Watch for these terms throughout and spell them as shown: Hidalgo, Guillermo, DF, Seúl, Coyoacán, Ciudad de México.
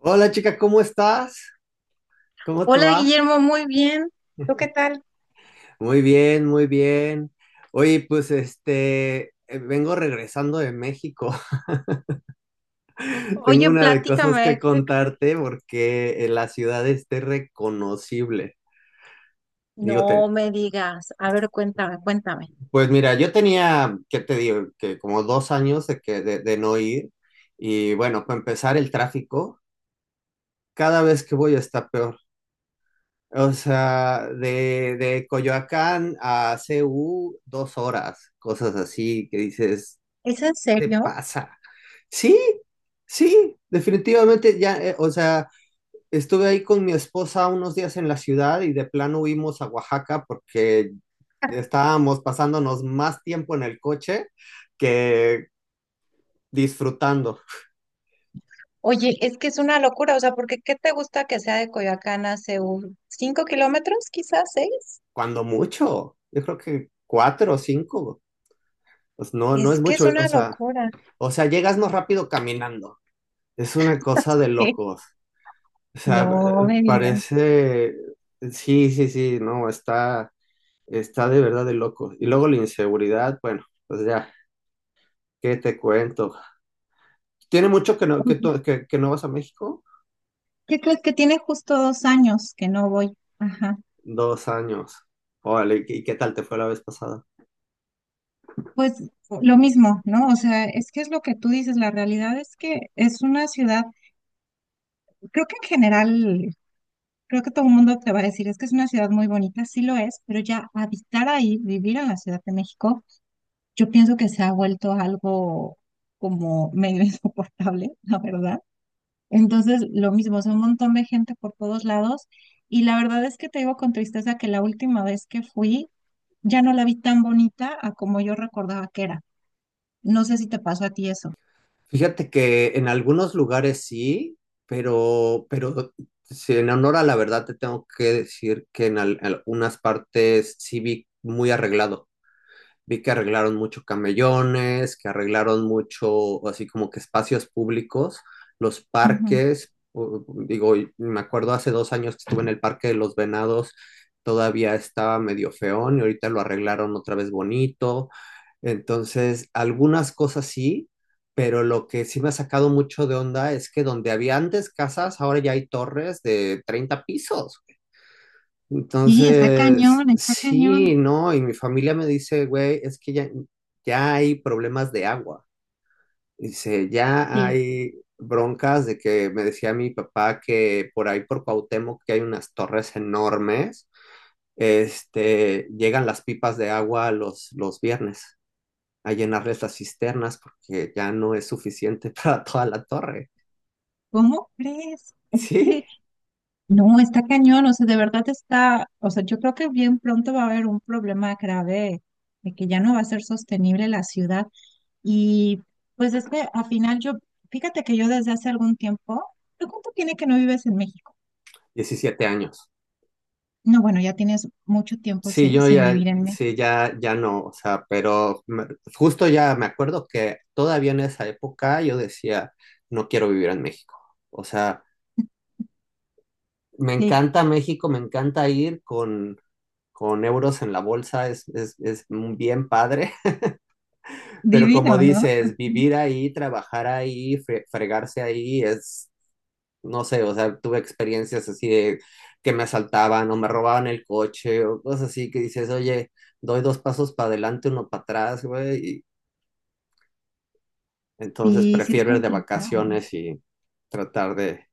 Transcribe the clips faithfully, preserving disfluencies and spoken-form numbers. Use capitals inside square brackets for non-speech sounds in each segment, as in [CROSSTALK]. Hola chica, ¿cómo estás? ¿Cómo te Hola va? Guillermo, muy bien. ¿Tú qué tal? Muy bien, muy bien. Oye, pues este, eh, vengo regresando de México. [LAUGHS] Tengo Oye, una de cosas que platícame. ¿Qué crees? contarte porque eh, la ciudad esté reconocible. Digo, No te- me digas. A ver, cuéntame, cuéntame. pues mira, yo tenía, ¿qué te digo? Que como dos años de, que, de, de no ir. Y bueno, para empezar, el tráfico cada vez que voy está peor. O sea, de, de Coyoacán a C U, dos horas, cosas así que dices, ¿Es en ¿te serio? pasa? Sí, sí, definitivamente ya, eh, o sea, estuve ahí con mi esposa unos días en la ciudad y de plano huimos a Oaxaca porque estábamos pasándonos más tiempo en el coche que disfrutando. Oye, es que es una locura, o sea, porque ¿qué te gusta que sea de Coyoacán a Seúl? ¿Cinco kilómetros, quizás seis? Cuando mucho, yo creo que cuatro o cinco, pues no, no Es es que es mucho, o una sea, locura. o sea, llegas más rápido caminando. Es una cosa [LAUGHS] de Sí. locos. O sea, No eh, me digas. parece, sí, sí, sí, no, está, está de verdad de locos. Y luego la inseguridad, bueno, pues ya, ¿qué te cuento? ¿Tiene mucho que no, que, tú- que, que no vas a México? ¿Qué crees que tiene justo dos años que no voy? Ajá. Dos años. Órale, ¿y qué tal te fue la vez pasada? Pues lo mismo, ¿no? O sea, es que es lo que tú dices, la realidad es que es una ciudad, creo que en general creo que todo el mundo te va a decir, es que es una ciudad muy bonita, sí lo es, pero ya habitar ahí, vivir en la Ciudad de México, yo pienso que se ha vuelto algo como medio [LAUGHS] insoportable, la verdad. Entonces, lo mismo, son un montón de gente por todos lados y la verdad es que te digo con tristeza que la última vez que fui ya no la vi tan bonita a como yo recordaba que era. No sé si te pasó a ti eso. Fíjate que en algunos lugares sí, pero, pero si en honor a la verdad te tengo que decir que en al- algunas partes sí vi muy arreglado. Vi que arreglaron mucho camellones, que arreglaron mucho, así como que espacios públicos, los Ujú. parques, u- digo, y me acuerdo hace dos años que estuve en el Parque de los Venados, todavía estaba medio feón y ahorita lo arreglaron otra vez bonito. Entonces, algunas cosas sí, pero lo que sí me ha sacado mucho de onda es que donde había antes casas, ahora ya hay torres de treinta pisos. Y está Entonces, cañón, está cañón. sí, no, y mi familia me dice, güey, es que ya, ya hay problemas de agua. Dice, ya Sí. hay broncas de que me decía mi papá que por ahí por Cuauhtémoc que hay unas torres enormes, este, llegan las pipas de agua los, los viernes a llenarles las cisternas porque ya no es suficiente [LAUGHS] para toda la torre. ¿Cómo crees? [LAUGHS] Sí, No, está cañón, o sea, de verdad está, o sea, yo creo que bien pronto va a haber un problema grave de que ya no va a ser sostenible la ciudad. Y pues es que al final yo, fíjate que yo desde hace algún tiempo, ¿tú cuánto tiene que no vives en México? diecisiete años. No, bueno, ya tienes mucho tiempo Sí, si- yo sin ya, vivir en México. sí, ya, ya no, o sea, pero me- justo ya me acuerdo que todavía en esa época yo decía, no quiero vivir en México. O sea, me Sí, encanta México, me encanta ir con, con euros en la bolsa, es, es, es bien padre, [LAUGHS] pero como divino, ¿no? dices, [LAUGHS] vivir ahí, trabajar ahí, fre- fregarse ahí, es, no sé, o sea, tuve experiencias así de que me asaltaban o me robaban el coche o cosas así que dices, oye, doy dos pasos para adelante, uno para atrás, güey, y entonces Sí, sí es prefiero ir de complicado. vacaciones y tratar de,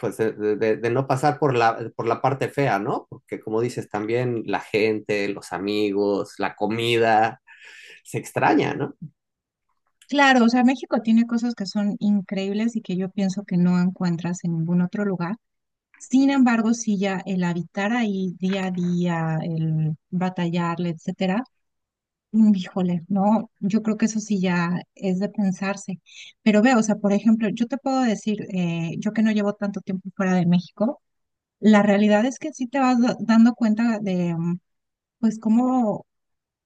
pues, de, de- de no pasar por la, por la parte fea, ¿no? Porque como dices, también la gente, los amigos, la comida, se extraña, ¿no? Claro, o sea, México tiene cosas que son increíbles y que yo pienso que no encuentras en ningún otro lugar. Sin embargo, si ya el habitar ahí día a día, el batallarle, etcétera, mm, híjole, no, yo creo que eso sí ya es de pensarse. Pero veo, o sea, por ejemplo, yo te puedo decir, eh, yo que no llevo tanto tiempo fuera de México, la realidad es que sí te vas da- dando cuenta de, mm, pues, cómo,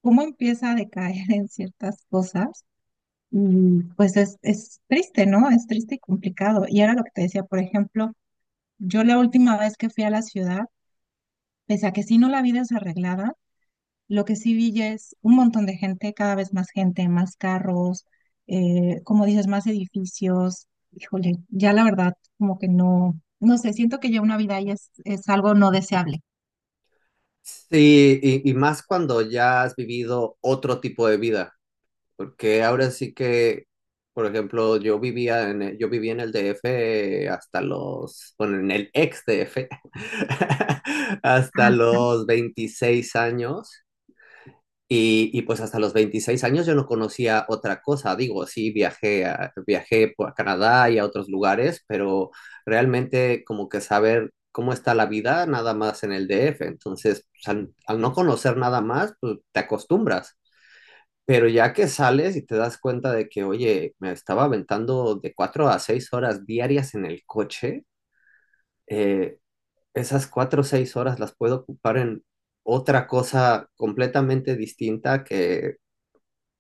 cómo empieza a decaer [LAUGHS] en ciertas cosas. Y pues es, es triste, ¿no? Es triste y complicado. Y era lo que te decía, por ejemplo, yo la última vez que fui a la ciudad, pese a que sí no la vida es arreglada, lo que sí vi ya es un montón de gente, cada vez más gente, más carros, eh, como dices, más edificios. Híjole, ya la verdad, como que no, no sé, siento que ya una vida ahí es, es, algo no deseable. Sí, y, y más cuando ya has vivido otro tipo de vida. Porque ahora sí que, por ejemplo, yo vivía en el, yo viví en el D F hasta los, bueno, en el ex D F, [LAUGHS] hasta Ajá, los veintiséis años. Y, y pues hasta los veintiséis años yo no conocía otra cosa. Digo, sí, viajé a, viajé por- a Canadá y a otros lugares, pero realmente como que saber cómo está la vida nada más en el D F. Entonces, pues, al al no conocer nada más, pues te acostumbras. Pero ya que sales y te das cuenta de que, oye, me estaba aventando de cuatro a seis horas diarias en el coche, eh, esas cuatro o seis horas las puedo ocupar en otra cosa completamente distinta que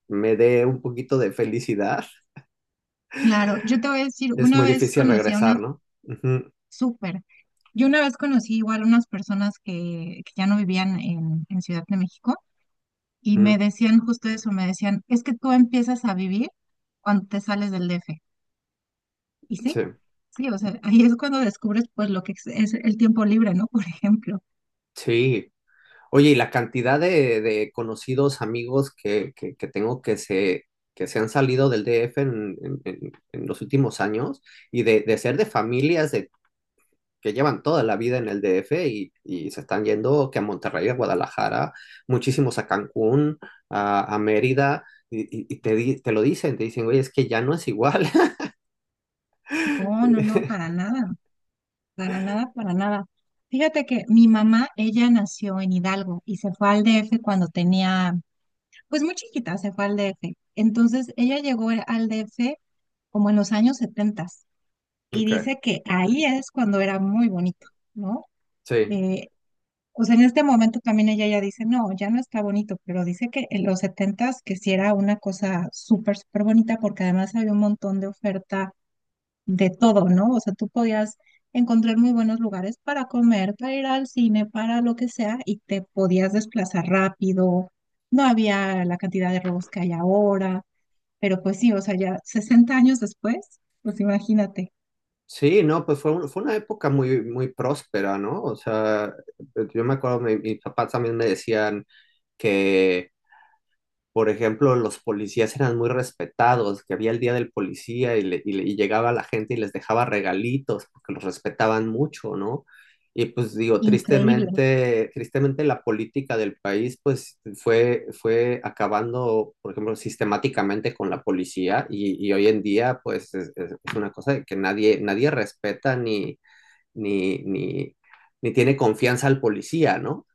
me dé un poquito de felicidad. claro, yo te voy a decir, Es una muy vez difícil conocí a unas regresar, ¿no? Ujú, súper, yo una vez conocí igual unas personas que, que ya no vivían en, en Ciudad de México y me ujú, decían justo eso, me decían, es que tú empiezas a vivir cuando te sales del D F. Y sí, sí. sí, o sea, ahí es cuando descubres pues lo que es, es el tiempo libre, ¿no? [LAUGHS] Por ejemplo. Sí, oye, y la cantidad de, de conocidos, amigos que, que, que tengo que se, que se han salido del D F en, en- en- en los últimos años y de, de ser de familias de, que llevan toda la vida en el D F y, y se están yendo que a Monterrey, a Guadalajara, muchísimos a Cancún, a, a Mérida, y, y- y te, di- te lo dicen, te dicen, oye, es que ya no es igual. No, no, no, para [LAUGHS] nada, para nada, para nada. Fíjate que mi mamá, ella nació en Hidalgo y se fue al D F cuando tenía, pues muy chiquita, se fue al D F. Entonces, ella llegó al D F como en los años setenta y Ok, dice que ahí es cuando era muy bonito, ¿no? sí. Eh, pues en este momento también ella ya dice, no, ya no está bonito, pero dice que en los setentas que sí era una cosa súper, súper bonita porque además había un montón de oferta de todo, ¿no? O sea, tú podías encontrar muy buenos lugares para comer, para ir al cine, para lo que sea y te podías desplazar rápido. No había la cantidad de robos que hay ahora, pero pues sí, o sea, ya sesenta años después, pues imagínate, Sí, no, pues fue, un- fue una época muy, muy próspera, ¿no? O sea, yo me acuerdo, mi- mis papás también me decían que por ejemplo, los policías eran muy respetados, que había el día del policía y, le- y le- y llegaba la gente y les dejaba regalitos porque los respetaban mucho, ¿no? Y pues digo, increíble. tristemente, tristemente la política del país pues fue, fue acabando, por ejemplo, sistemáticamente con la policía y, y hoy en día pues es, es- es una cosa de que nadie, nadie respeta ni, ni, ni, ni tiene confianza al policía, ¿no?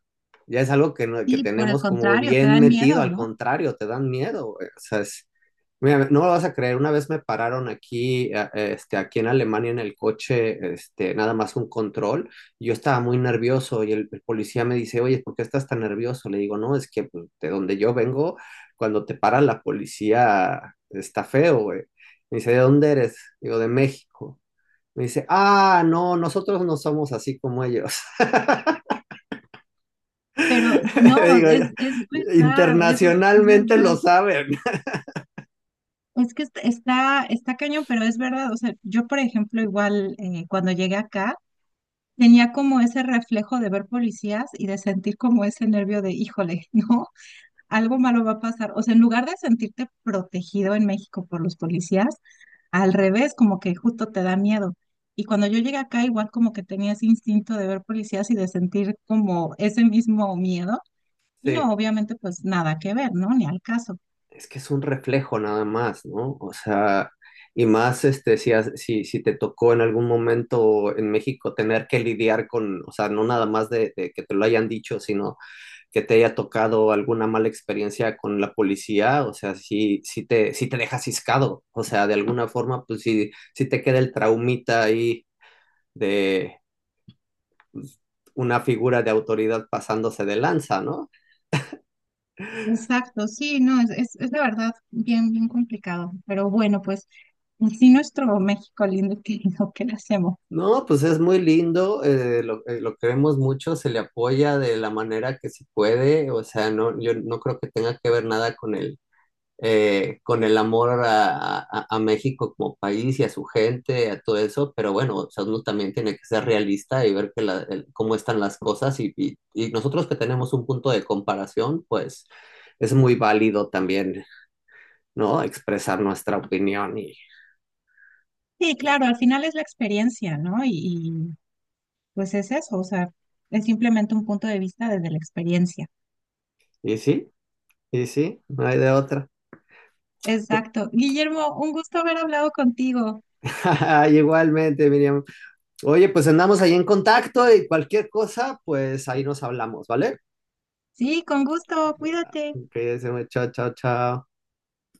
Ya es algo que, no- que Sí, por el tenemos como contrario, te bien dan metido, miedo, al ¿no? contrario, te dan miedo, güey. O sea, es- mira, no lo vas a creer, una vez me pararon aquí, a- este, aquí en Alemania en el coche, este, nada más un control, y yo estaba muy nervioso y el, el policía me dice, oye, ¿por qué estás tan nervioso? Le digo, no, es que pues, de donde yo vengo, cuando te para la policía está feo, güey. Me dice, ¿de dónde eres? Digo, de México. Me dice, ah, no, nosotros no somos así como ellos. [LAUGHS] Pero no, Digo, es, es verdad, es, es internacionalmente verdad. lo saben. Es que est- está, está cañón, pero es verdad. O sea, yo, por ejemplo, igual eh, cuando llegué acá, tenía como ese reflejo de ver policías y de sentir como ese nervio de, híjole, [LAUGHS] ¿no? Algo malo va a pasar. O sea, en lugar de sentirte protegido en México por los policías, al revés, como que justo te da miedo. Y cuando yo llegué acá, igual como que tenía ese instinto de ver policías y de sentir como ese mismo miedo. Y no, Sí, obviamente, pues nada que ver, ¿no? Ni al caso. es que es un reflejo nada más, ¿no? O sea, y más este, si, has- si, si te tocó en algún momento en México tener que lidiar con, o sea, no nada más de, de que te lo hayan dicho, sino que te haya tocado alguna mala experiencia con la policía, o sea, si, si te, si te deja ciscado, o sea, de alguna forma, pues sí, si te queda el traumita ahí de, pues, una figura de autoridad pasándose de lanza, ¿no? Exacto, sí, no, es, es, es de verdad bien, bien complicado. Pero bueno, pues sí, nuestro México lindo y querido, ¿qué le hacemos? No, pues es muy lindo, eh, lo, eh, lo queremos mucho, se le apoya de la manera que se puede, o sea, no, yo no creo que tenga que ver nada con el, eh, con el amor a, a, a México como país y a su gente, a todo eso, pero bueno, o sea, uno también tiene que ser realista y ver que la- el- cómo están las cosas y, y- y nosotros que tenemos un punto de comparación, pues es muy válido también, ¿no? Expresar nuestra opinión y, Sí, claro, al final es la experiencia, ¿no? Y, y, pues es eso, o sea, es simplemente un punto de vista desde la experiencia. y sí. Y sí, no hay de otra. [LAUGHS] Exacto. Guillermo, un gusto haber hablado contigo. Ay, igualmente, Miriam. Oye, pues andamos ahí en contacto y cualquier cosa, pues ahí nos hablamos, ¿vale? Sí, con gusto, cuídate. Que se me chao, chao, chao.